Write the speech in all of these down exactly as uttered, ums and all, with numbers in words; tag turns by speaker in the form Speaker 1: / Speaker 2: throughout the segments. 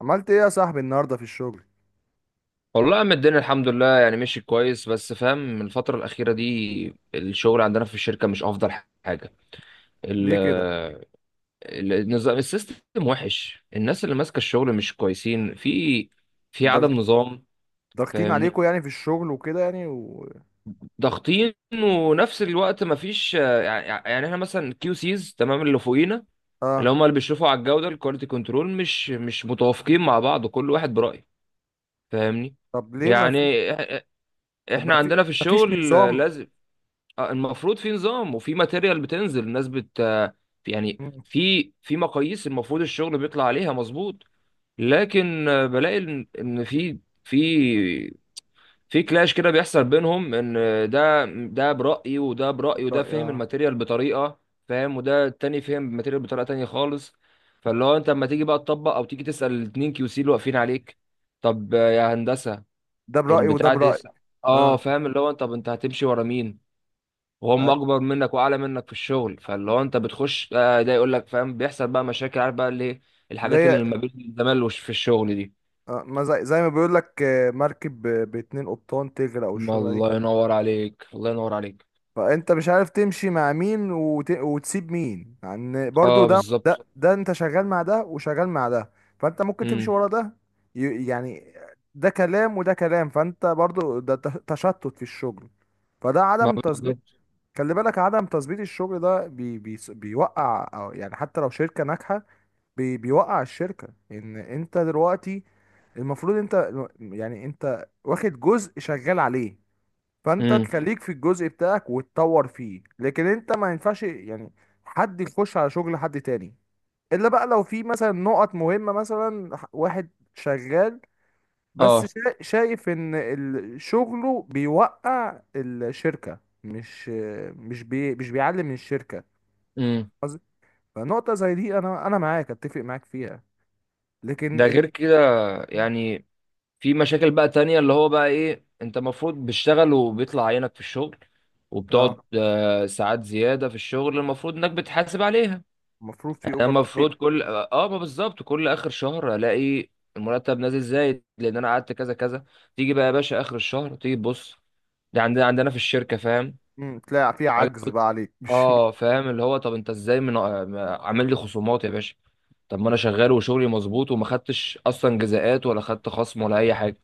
Speaker 1: عملت ايه يا صاحبي النهارده في الشغل؟
Speaker 2: والله يا عم، الدنيا الحمد لله، يعني ماشي كويس، بس فاهم من الفترة الأخيرة دي الشغل عندنا في الشركة مش أفضل حاجة. ال
Speaker 1: ليه كده؟
Speaker 2: ال- النظام السيستم وحش، الناس اللي ماسكة الشغل مش كويسين، في في عدم
Speaker 1: ضغ-
Speaker 2: نظام.
Speaker 1: ضاغطين
Speaker 2: فاهمني؟
Speaker 1: عليكم، يعني في الشغل وكده، يعني و...
Speaker 2: ضاغطين ونفس الوقت مفيش، يعني يعني احنا مثلا كيو سيز، تمام، اللي فوقينا اللي
Speaker 1: اه،
Speaker 2: هم اللي بيشرفوا على الجودة، الكواليتي كنترول، مش مش متوافقين مع بعض، كل واحد برأيه. فاهمني؟
Speaker 1: طب ليه ما
Speaker 2: يعني
Speaker 1: في؟
Speaker 2: إح-
Speaker 1: طب
Speaker 2: احنا
Speaker 1: ما في،
Speaker 2: عندنا في
Speaker 1: ما فيش
Speaker 2: الشغل
Speaker 1: نظام؟
Speaker 2: لازم. آه، المفروض في نظام وفي ماتيريال بتنزل الناس بت آه، يعني
Speaker 1: مم،
Speaker 2: في في مقاييس المفروض الشغل بيطلع عليها مظبوط. لكن آه، بلاقي ان، إن في في في كلاش كده بيحصل بينهم، ان آه، ده ده برأيي وده
Speaker 1: طب
Speaker 2: برأيي وده
Speaker 1: رأي-
Speaker 2: فهم
Speaker 1: آه.
Speaker 2: الماتيريال بطريقة، فاهم، وده التاني فهم الماتيريال بطريقة تانية خالص. فاللي هو انت لما تيجي بقى تطبق، او تيجي تسأل الاتنين كيو سي اللي واقفين عليك، طب آه، يا هندسة
Speaker 1: ده برأيي وده
Speaker 2: البتاع ده.
Speaker 1: برأيي.
Speaker 2: اه،
Speaker 1: اه،
Speaker 2: فاهم، اللي هو طب انت هتمشي ورا مين وهم
Speaker 1: أي.
Speaker 2: اكبر منك واعلى منك في الشغل؟ فاللي هو انت بتخش، آه، ده يقول لك، فاهم، بيحصل بقى مشاكل، عارف بقى اللي إيه، الحاجات
Speaker 1: ليه؟
Speaker 2: اللي ما بين الزمال وش- في الشغل دي.
Speaker 1: آه. ما زي... زي ما بيقول لك، آه، مركب ب- باتنين قبطان تغرق،
Speaker 2: ما
Speaker 1: والشغله دي.
Speaker 2: الله ينور عليك، الله ينور عليك.
Speaker 1: فانت مش عارف تمشي مع مين، وت... وتسيب مين، يعني برضو
Speaker 2: اه،
Speaker 1: ده ده
Speaker 2: بالظبط.
Speaker 1: ده انت شغال مع ده وشغال مع ده، فانت ممكن تمشي
Speaker 2: امم.
Speaker 1: ورا ده. ي... يعني ده كلام وده كلام، فانت برضو ده ت- تشتت في الشغل. فده
Speaker 2: ما
Speaker 1: عدم تظبيط.
Speaker 2: بالظبط.
Speaker 1: خلي بالك، عدم تظبيط الشغل ده بي... بي... بيوقع، أو يعني حتى لو شركة ناجحة، بي... بيوقع الشركة. ان انت دلوقتي المفروض انت، يعني انت واخد جزء شغال عليه، فانت
Speaker 2: امم.
Speaker 1: تخليك في الجزء بتاعك وتطور فيه. لكن انت ما ينفعش يعني حد يخش على شغل حد تاني، الا بقى لو في مثلا نقط مهمة، مثلا ح- واحد شغال بس
Speaker 2: اه.
Speaker 1: شا- شايف ان ال- شغله بيوقع الشركة، مش مش بي مش بيعلي من الشركة.
Speaker 2: امم.
Speaker 1: قصدي- فنقطة زي دي انا انا معاك، اتفق معاك فيها. لكن
Speaker 2: ده
Speaker 1: ال...
Speaker 2: غير كده، يعني في مشاكل بقى تانية اللي هو بقى ايه، انت المفروض بتشتغل وبيطلع عينك في الشغل،
Speaker 1: اه،
Speaker 2: وبتقعد آه، ساعات زيادة في الشغل المفروض انك بتحاسب عليها.
Speaker 1: المفروض في
Speaker 2: انا
Speaker 1: اوفر تايم.
Speaker 2: المفروض كل، اه ما بالظبط، كل اخر شهر الاقي المرتب نازل زايد لان انا قعدت كذا كذا. تيجي بقى يا باشا اخر الشهر تيجي تبص، ده عندنا عندنا في الشركه، فاهم.
Speaker 1: امم، تلاقي في عجز بقى عليك، مش؟
Speaker 2: اه، فاهم، اللي هو طب انت ازاي من، آه، عامل لي خصومات يا باشا؟ طب ما انا شغال وشغلي مظبوط وما خدتش اصلا جزاءات ولا خدت خصم ولا اي حاجه.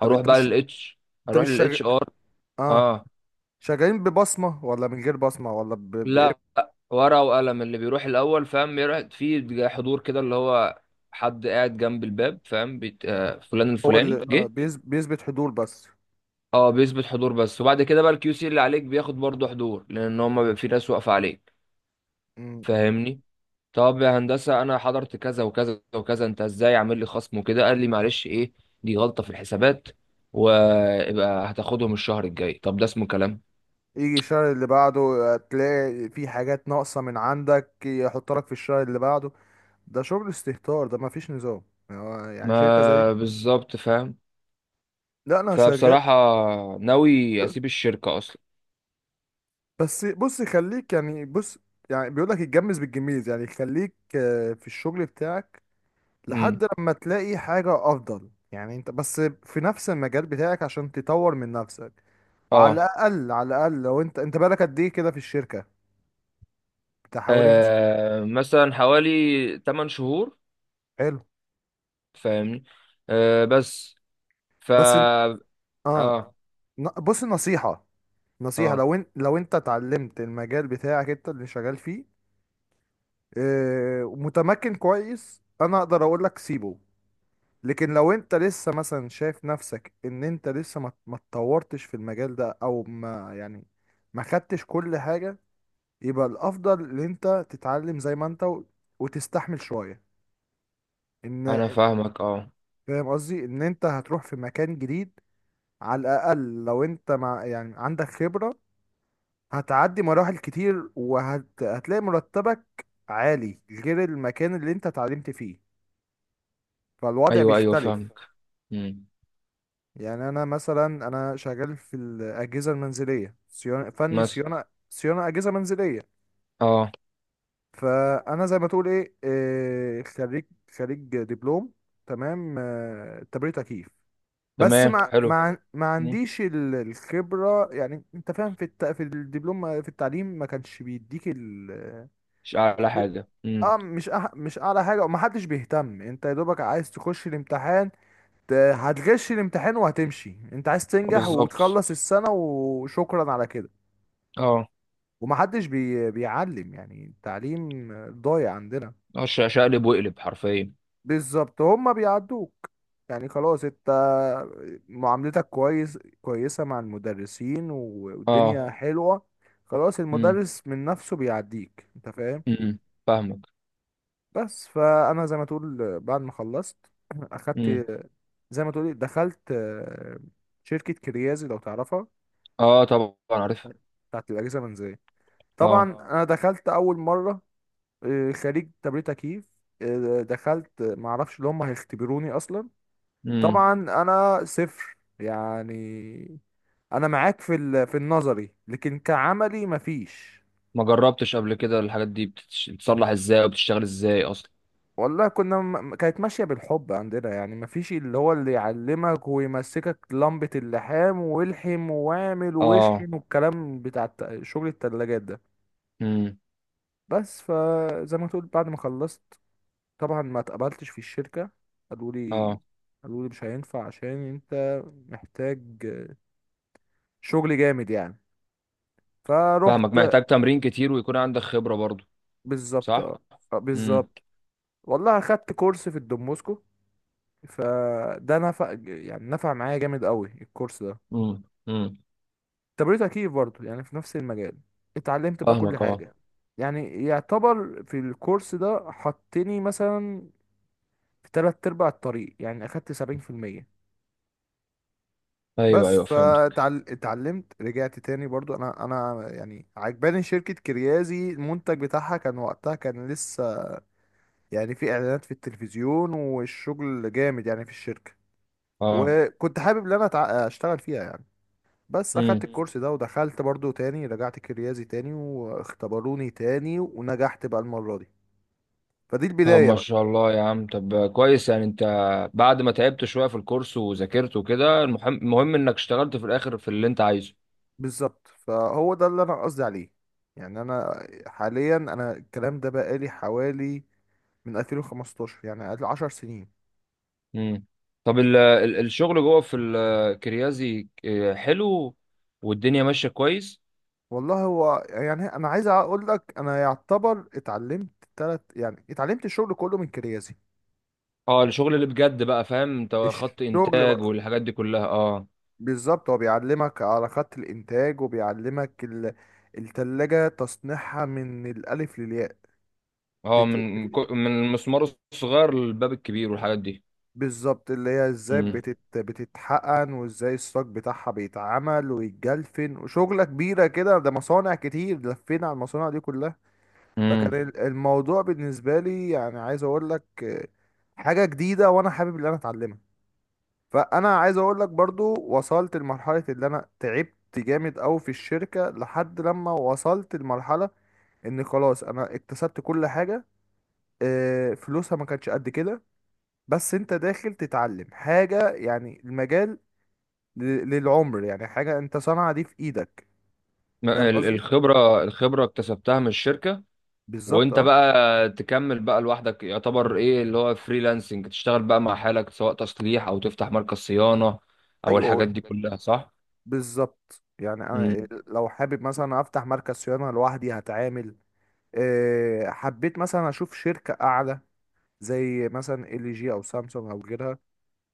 Speaker 1: طب
Speaker 2: هروح
Speaker 1: انت
Speaker 2: بقى
Speaker 1: مش
Speaker 2: للاتش
Speaker 1: انت
Speaker 2: هروح
Speaker 1: مش شغال؟
Speaker 2: للاتش ار.
Speaker 1: اه،
Speaker 2: اه.
Speaker 1: شغالين ببصمة ولا من غير بصمة، ولا ب... ب...
Speaker 2: لا،
Speaker 1: إيه؟
Speaker 2: ورقة وقلم. اللي بيروح الأول، فاهم، بيروح في حضور كده، اللي هو حد قاعد جنب الباب، فاهم، بيت... آه، فلان
Speaker 1: هو اللي
Speaker 2: الفلاني
Speaker 1: آه،
Speaker 2: جه.
Speaker 1: بيز... بيثبت حضور بس.
Speaker 2: اه، بيثبت حضور بس، وبعد كده بقى الكيو سي اللي عليك بياخد برضه حضور لأن هما بيبقى في ناس واقفة عليك.
Speaker 1: م- م.
Speaker 2: فاهمني؟ طب يا هندسة أنا حضرت كذا وكذا وكذا، أنت إزاي عامل لي خصم وكده؟ قال لي معلش إيه، دي غلطة في الحسابات ويبقى هتاخدهم الشهر الجاي. طب ده اسمه كلام؟
Speaker 1: يجي الشهر اللي بعده آه، تلاقي في حاجات ناقصة من عندك، يحط لك في الشهر اللي بعده. ده شغل استهتار، ده مفيش نظام. يعني هو يعني شركة زي دي؟
Speaker 2: ما بالظبط، فاهم.
Speaker 1: لا، أنا شغال.
Speaker 2: فبصراحة ناوي أسيب الشركة أصلا.
Speaker 1: بس بص، خليك، يعني بص، يعني بيقول لك اتجمز بالجميز، يعني خليك آه، في الشغل بتاعك
Speaker 2: امم.
Speaker 1: لحد لما تلاقي حاجة أفضل. يعني أنت بس في نفس المجال بتاعك، عشان تطور من نفسك. وعلى
Speaker 2: اه.
Speaker 1: الأقل، على الأقل لو أنت أنت بالك قد إيه كده في الشركة، بتاع حوالي مثلا.
Speaker 2: آه، مثلا حوالي 8 شهور.
Speaker 1: حلو.
Speaker 2: فاهمني؟ آه بس. ف
Speaker 1: بس إن- آه
Speaker 2: اه.
Speaker 1: ن- بص، نصيحة، نصيحة.
Speaker 2: اه،
Speaker 1: لو أنت لو أنت اتعلمت المجال بتاعك أنت اللي شغال فيه، آه، ومتمكن كويس، أنا أقدر أقول لك سيبه. لكن لو انت لسه مثلا شايف نفسك ان انت لسه ما ما اتطورتش في المجال ده، او ما يعني ما خدتش كل حاجة، يبقى الافضل ان انت تتعلم زي ما انت و- وتستحمل شويه.
Speaker 2: انا
Speaker 1: ان،
Speaker 2: فاهمك، اه.
Speaker 1: فاهم قصدي؟ ان انت هتروح في مكان جديد، على الاقل لو انت مع، يعني عندك خبره، هتعدي مراحل كتير، وهتلاقي مرتبك عالي غير المكان اللي انت اتعلمت فيه. فالوضع
Speaker 2: ايوه، ايوه،
Speaker 1: بيختلف.
Speaker 2: فاهمك. امم.
Speaker 1: يعني انا مثلا، انا شغال في الاجهزه المنزليه، صيانه، فني
Speaker 2: مثلا.
Speaker 1: صيانه، صيانه اجهزه منزليه.
Speaker 2: اه.
Speaker 1: فانا زي ما تقول ايه إيه، خريج، خريج دبلوم تمام، آه، تبريد تكييف. بس
Speaker 2: تمام،
Speaker 1: ما تمام،
Speaker 2: حلو.
Speaker 1: ما ما
Speaker 2: مم.
Speaker 1: عنديش ال- الخبره. يعني انت فاهم، في الت... في الدبلوم، في التعليم ما كانش بيديك ال
Speaker 2: مش اعلى حاجه. امم.
Speaker 1: اه، مش أح... مش اعلى حاجه، وما حدش بيهتم. انت يا دوبك عايز تخش الامتحان، ت- هتغش الامتحان وهتمشي. انت عايز تنجح
Speaker 2: بالظبط،
Speaker 1: وتخلص السنه، وشكرا على كده.
Speaker 2: اه.
Speaker 1: ومحدش بي... بيعلم، يعني التعليم ضايع عندنا.
Speaker 2: آه، ش- شقلب واقلب حرفيا.
Speaker 1: بالظبط، هما بيعدوك. يعني خلاص، انت معاملتك كويس كويسة مع المدرسين،
Speaker 2: اه.
Speaker 1: والدنيا حلوة. خلاص،
Speaker 2: امم.
Speaker 1: المدرس من نفسه بيعديك. انت فاهم؟
Speaker 2: امم. فاهمك.
Speaker 1: بس فانا زي ما تقول بعد ما خلصت اخدت،
Speaker 2: امم.
Speaker 1: زي ما تقول إيه، دخلت، آه، شركة كريازي لو تعرفها،
Speaker 2: اه، طبعا عارف.
Speaker 1: بتاعت الأجهزة المنزلية.
Speaker 2: اه.
Speaker 1: طبعا، اه، انا دخلت اول مرة، آه، خريج تبريد تكييف. آه، دخلت معرفش اللي هم هيختبروني اصلا.
Speaker 2: امم.
Speaker 1: طبعا انا صفر، يعني انا معاك في ال- في النظري، لكن كعملي مفيش.
Speaker 2: ما جربتش قبل كده الحاجات دي بتتش- بتتصلح ازاي وبتشتغل ازاي اصلا؟
Speaker 1: والله كنا م- كانت ماشيه بالحب عندنا. يعني مفيش اللي هو اللي يعلمك ويمسكك لمبه اللحام، والحم واعمل
Speaker 2: اه.
Speaker 1: واشحن، والكلام بتاع الت- شغل التلاجات ده.
Speaker 2: امم.
Speaker 1: بس فزي ما تقول بعد ما خلصت، طبعا ما اتقبلتش في الشركه. قالوا لي
Speaker 2: اه،
Speaker 1: قالوا لي مش هينفع، عشان انت محتاج شغل جامد يعني. فروحت.
Speaker 2: فاهمك، محتاج تمرين كتير ويكون عندك خبرة برضو،
Speaker 1: بالظبط،
Speaker 2: صح.
Speaker 1: اه، آه،
Speaker 2: امم.
Speaker 1: بالظبط. والله اخدت كورس في الدوموسكو، فده نفع، يعني نفع معايا جامد قوي الكورس ده.
Speaker 2: امم. امم.
Speaker 1: تمريض تكييف برضه، يعني في نفس المجال. اتعلمت بقى كل
Speaker 2: فاهمك. اه.
Speaker 1: حاجة. يعني يعتبر في الكورس ده حطني مثلا في تلات ارباع الطريق، يعني اخدت سبعين في المية. ايوه.
Speaker 2: ايوه،
Speaker 1: بس
Speaker 2: ايوه، فهمتك.
Speaker 1: فاتعلمت، رجعت تاني برضو. انا انا يعني عجباني شركة كريازي، المنتج بتاعها كان وقتها كان لسه، يعني في اعلانات في التلفزيون، والشغل جامد يعني في الشركة.
Speaker 2: اه.
Speaker 1: وكنت حابب ان انا أتع- اشتغل فيها يعني. بس اخدت
Speaker 2: امم.
Speaker 1: مم. الكورس ده، ودخلت برضو تاني، رجعت كريازي تاني، واختبروني تاني، ونجحت بقى المرة دي. فدي
Speaker 2: طب
Speaker 1: البداية
Speaker 2: ما
Speaker 1: بقى.
Speaker 2: شاء الله يا عم، طب كويس، يعني انت بعد ما تعبت شوية في الكورس وذاكرت وكده، المهم المهم انك اشتغلت في الاخر في اللي انت عايزه.
Speaker 1: بالظبط، فهو ده اللي انا قصدي عليه. يعني انا حاليا، انا الكلام ده بقالي حوالي من ألفين وخمستاشر، يعني قبل عشر سنين.
Speaker 2: امم. طب ال... ال- الشغل جوه في الكريازي آه، حلو والدنيا ماشية كويس؟
Speaker 1: والله هو يعني انا عايز اقول لك، انا يعتبر اتعلمت تلت، يعني اتعلمت الشغل كله من كريازي.
Speaker 2: اه، الشغل اللي بجد بقى، فاهم، انت خط
Speaker 1: الشغل
Speaker 2: انتاج
Speaker 1: بقى،
Speaker 2: والحاجات دي كلها، اه.
Speaker 1: بالظبط، هو بيعلمك على خط الإنتاج، وبيعلمك ال... التلاجة، تصنيعها من الألف للياء.
Speaker 2: اه،
Speaker 1: تت...
Speaker 2: من
Speaker 1: بت-
Speaker 2: كو- من المسمار الصغير للباب الكبير والحاجات دي.
Speaker 1: بالظبط، اللي هي ازاي
Speaker 2: امم.
Speaker 1: بتت... بتتحقن، وازاي الصاج بتاعها بيتعمل ويتجلفن، وشغلة كبيرة كده، ده مصانع كتير، لفينا على المصانع دي كلها.
Speaker 2: امم.
Speaker 1: فكان ال- الموضوع بالنسبة لي، يعني عايز أقول لك، آه، حاجة جديدة، وأنا حابب إن أنا أتعلمها. فانا عايز اقول لك برضو، وصلت لمرحله اللي انا تعبت جامد قوي في الشركه، لحد لما وصلت لمرحله ان خلاص انا اكتسبت كل حاجه. آه، فلوسها ما كانتش قد كده، بس انت داخل تتعلم حاجه يعني، المجال ل- للعمر، يعني حاجه، انت صنعة دي في ايدك. فاهم
Speaker 2: ما- ال-
Speaker 1: قصدي؟
Speaker 2: الخبرة الخبرة اكتسبتها من الشركة،
Speaker 1: بالظبط،
Speaker 2: وانت
Speaker 1: اه،
Speaker 2: بقى تكمل بقى لوحدك يعتبر، ايه اللي هو فريلانسنج، تشتغل بقى مع حالك سواء تصليح او تفتح مركز صيانة او
Speaker 1: ايوه،
Speaker 2: الحاجات دي كلها، صح؟
Speaker 1: بالظبط. يعني انا
Speaker 2: امم.
Speaker 1: لو حابب مثلا افتح مركز صيانه لوحدي، هتعامل. آه، حبيت مثلا اشوف شركه اعلى، زي مثلا ال جي او سامسونج او غيرها،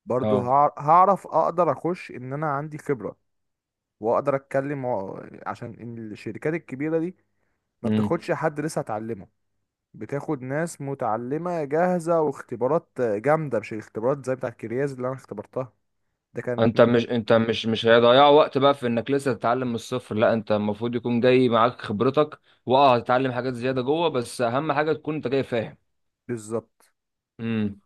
Speaker 1: برضو
Speaker 2: اه.
Speaker 1: هع- هعرف، اقدر اخش ان انا عندي خبرة، واقدر اتكلم و- عشان إن الشركات الكبيرة دي ما
Speaker 2: امم.
Speaker 1: بتاخدش حد لسه اتعلمه. بتاخد ناس متعلمة جاهزة، واختبارات جامدة، مش الاختبارات زي بتاعت كرياز اللي انا اختبرتها. ده كانت،
Speaker 2: انت مش انت مش مش هيضيع وقت بقى في انك لسه تتعلم من الصفر، لا انت المفروض يكون جاي معاك خبرتك، واه هتتعلم حاجات زيادة جوه بس اهم حاجة تكون انت جاي فاهم.
Speaker 1: بالظبط،
Speaker 2: امم.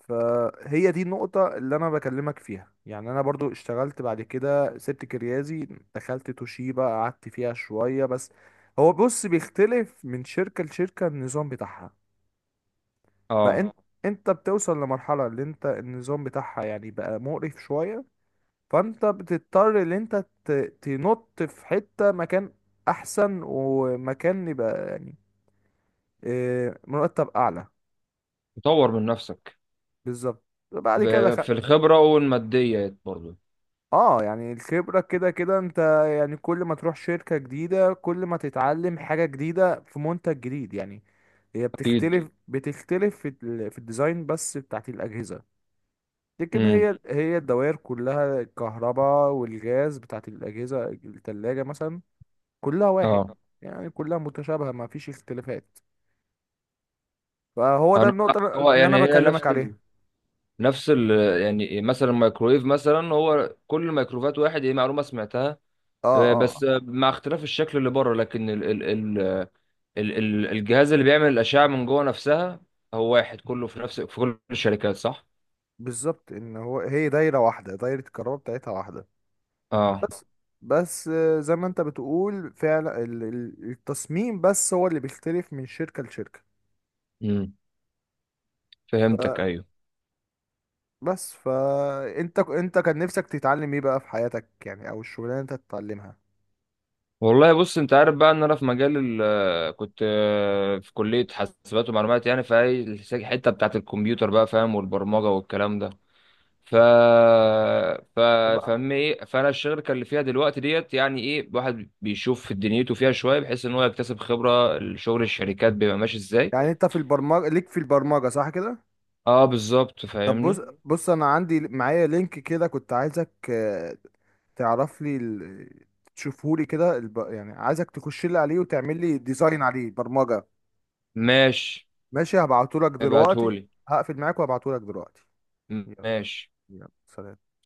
Speaker 1: فهي دي النقطة اللي أنا بكلمك فيها. يعني أنا برضو اشتغلت بعد كده، سبت كريازي، دخلت توشيبا، قعدت فيها شوية بس. هو بص، بيختلف من شركة لشركة النظام بتاعها.
Speaker 2: اه،
Speaker 1: فأنت، اه، أنت بتوصل لمرحلة اللي أنت النظام بتاعها يعني بقى مقرف شوية، فأنت بتضطر، اللي أنت ت- تنط في حتة مكان أحسن، ومكان يبقى يعني آه، مرتب أعلى.
Speaker 2: تطور من نفسك،
Speaker 1: بالظبط، بعد كده،
Speaker 2: في في الخبرة والماديات برضو.
Speaker 1: اه، يعني الخبرة كده كده انت، يعني كل ما تروح شركة جديدة، كل ما تتعلم حاجة جديدة في منتج جديد يعني. هي
Speaker 2: أكيد.
Speaker 1: بتختلف بتختلف في ال- في الديزاين بس بتاعت الأجهزة. لكن
Speaker 2: امم.
Speaker 1: هي، هي الدوائر كلها، الكهرباء والغاز بتاعت الأجهزة، التلاجة مثلا، كلها واحد،
Speaker 2: اه.
Speaker 1: يعني كلها متشابهة، ما فيش اختلافات. فهو ده
Speaker 2: أنا،
Speaker 1: النقطة اللي
Speaker 2: هو
Speaker 1: أنا
Speaker 2: يعني،
Speaker 1: يعني
Speaker 2: هي
Speaker 1: بكلمك، فاهم
Speaker 2: نفس
Speaker 1: عليها.
Speaker 2: ال...
Speaker 1: فاهم.
Speaker 2: نفس ال... يعني مثلا الميكرويف مثلا، هو كل الميكروفات واحد، هي معلومة سمعتها.
Speaker 1: اه،
Speaker 2: آه،
Speaker 1: اه
Speaker 2: بس
Speaker 1: آه.
Speaker 2: آه، مع اختلاف الشكل اللي بره، لكن ال... ال... ال... ال... ال... الجهاز اللي بيعمل الأشعة من جوه نفسها هو واحد كله في نفس في كل الشركات، صح؟
Speaker 1: بالظبط، ان هو هي دايرة واحدة، دايرة الكهرباء بتاعتها واحدة.
Speaker 2: اه.
Speaker 1: بس، بس آه، زي ما انت بتقول فعلا، ال- ال- التصميم بس هو اللي بيختلف من شركة لشركة.
Speaker 2: امم. فهمتك، أيوه.
Speaker 1: فبس فانت، انت انت كان نفسك تتعلم ايه بقى في حياتك، يعني او الشغلانة انت تتعلمها؟
Speaker 2: والله بص، انت عارف بقى ان انا في مجال ال كنت آه، في كلية حاسبات ومعلومات، يعني في اي الحتة بتاعت الكمبيوتر بقى، فاهم، والبرمجة والكلام ده. ف ف فاهم
Speaker 1: طب
Speaker 2: ايه؟ فانا الشركة اللي فيها دلوقتي ديت يعني، ايه، الواحد بيشوف دنيته فيها شوية بحيث ان هو يكتسب خبرة شغل الشركات بيبقى ماشي ازاي.
Speaker 1: يعني انت في البرمجة، ليك في البرمجة، صح كده؟
Speaker 2: اه، بالظبط،
Speaker 1: طب بص،
Speaker 2: فاهمني.
Speaker 1: أيوه بص، انا عندي معايا لينك كده، كنت عايزك آه، تعرف لي ال... تشوفه لي كده الب... يعني عايزك تخش لي عليه، وتعمل لي ديزاين عليه، برمجة.
Speaker 2: ماشي،
Speaker 1: ماشي، هبعته لك دلوقتي.
Speaker 2: ابعتهولي.
Speaker 1: هقفل معاك وهبعته لك دلوقتي. يلا،
Speaker 2: ماشي.
Speaker 1: يلا سلام.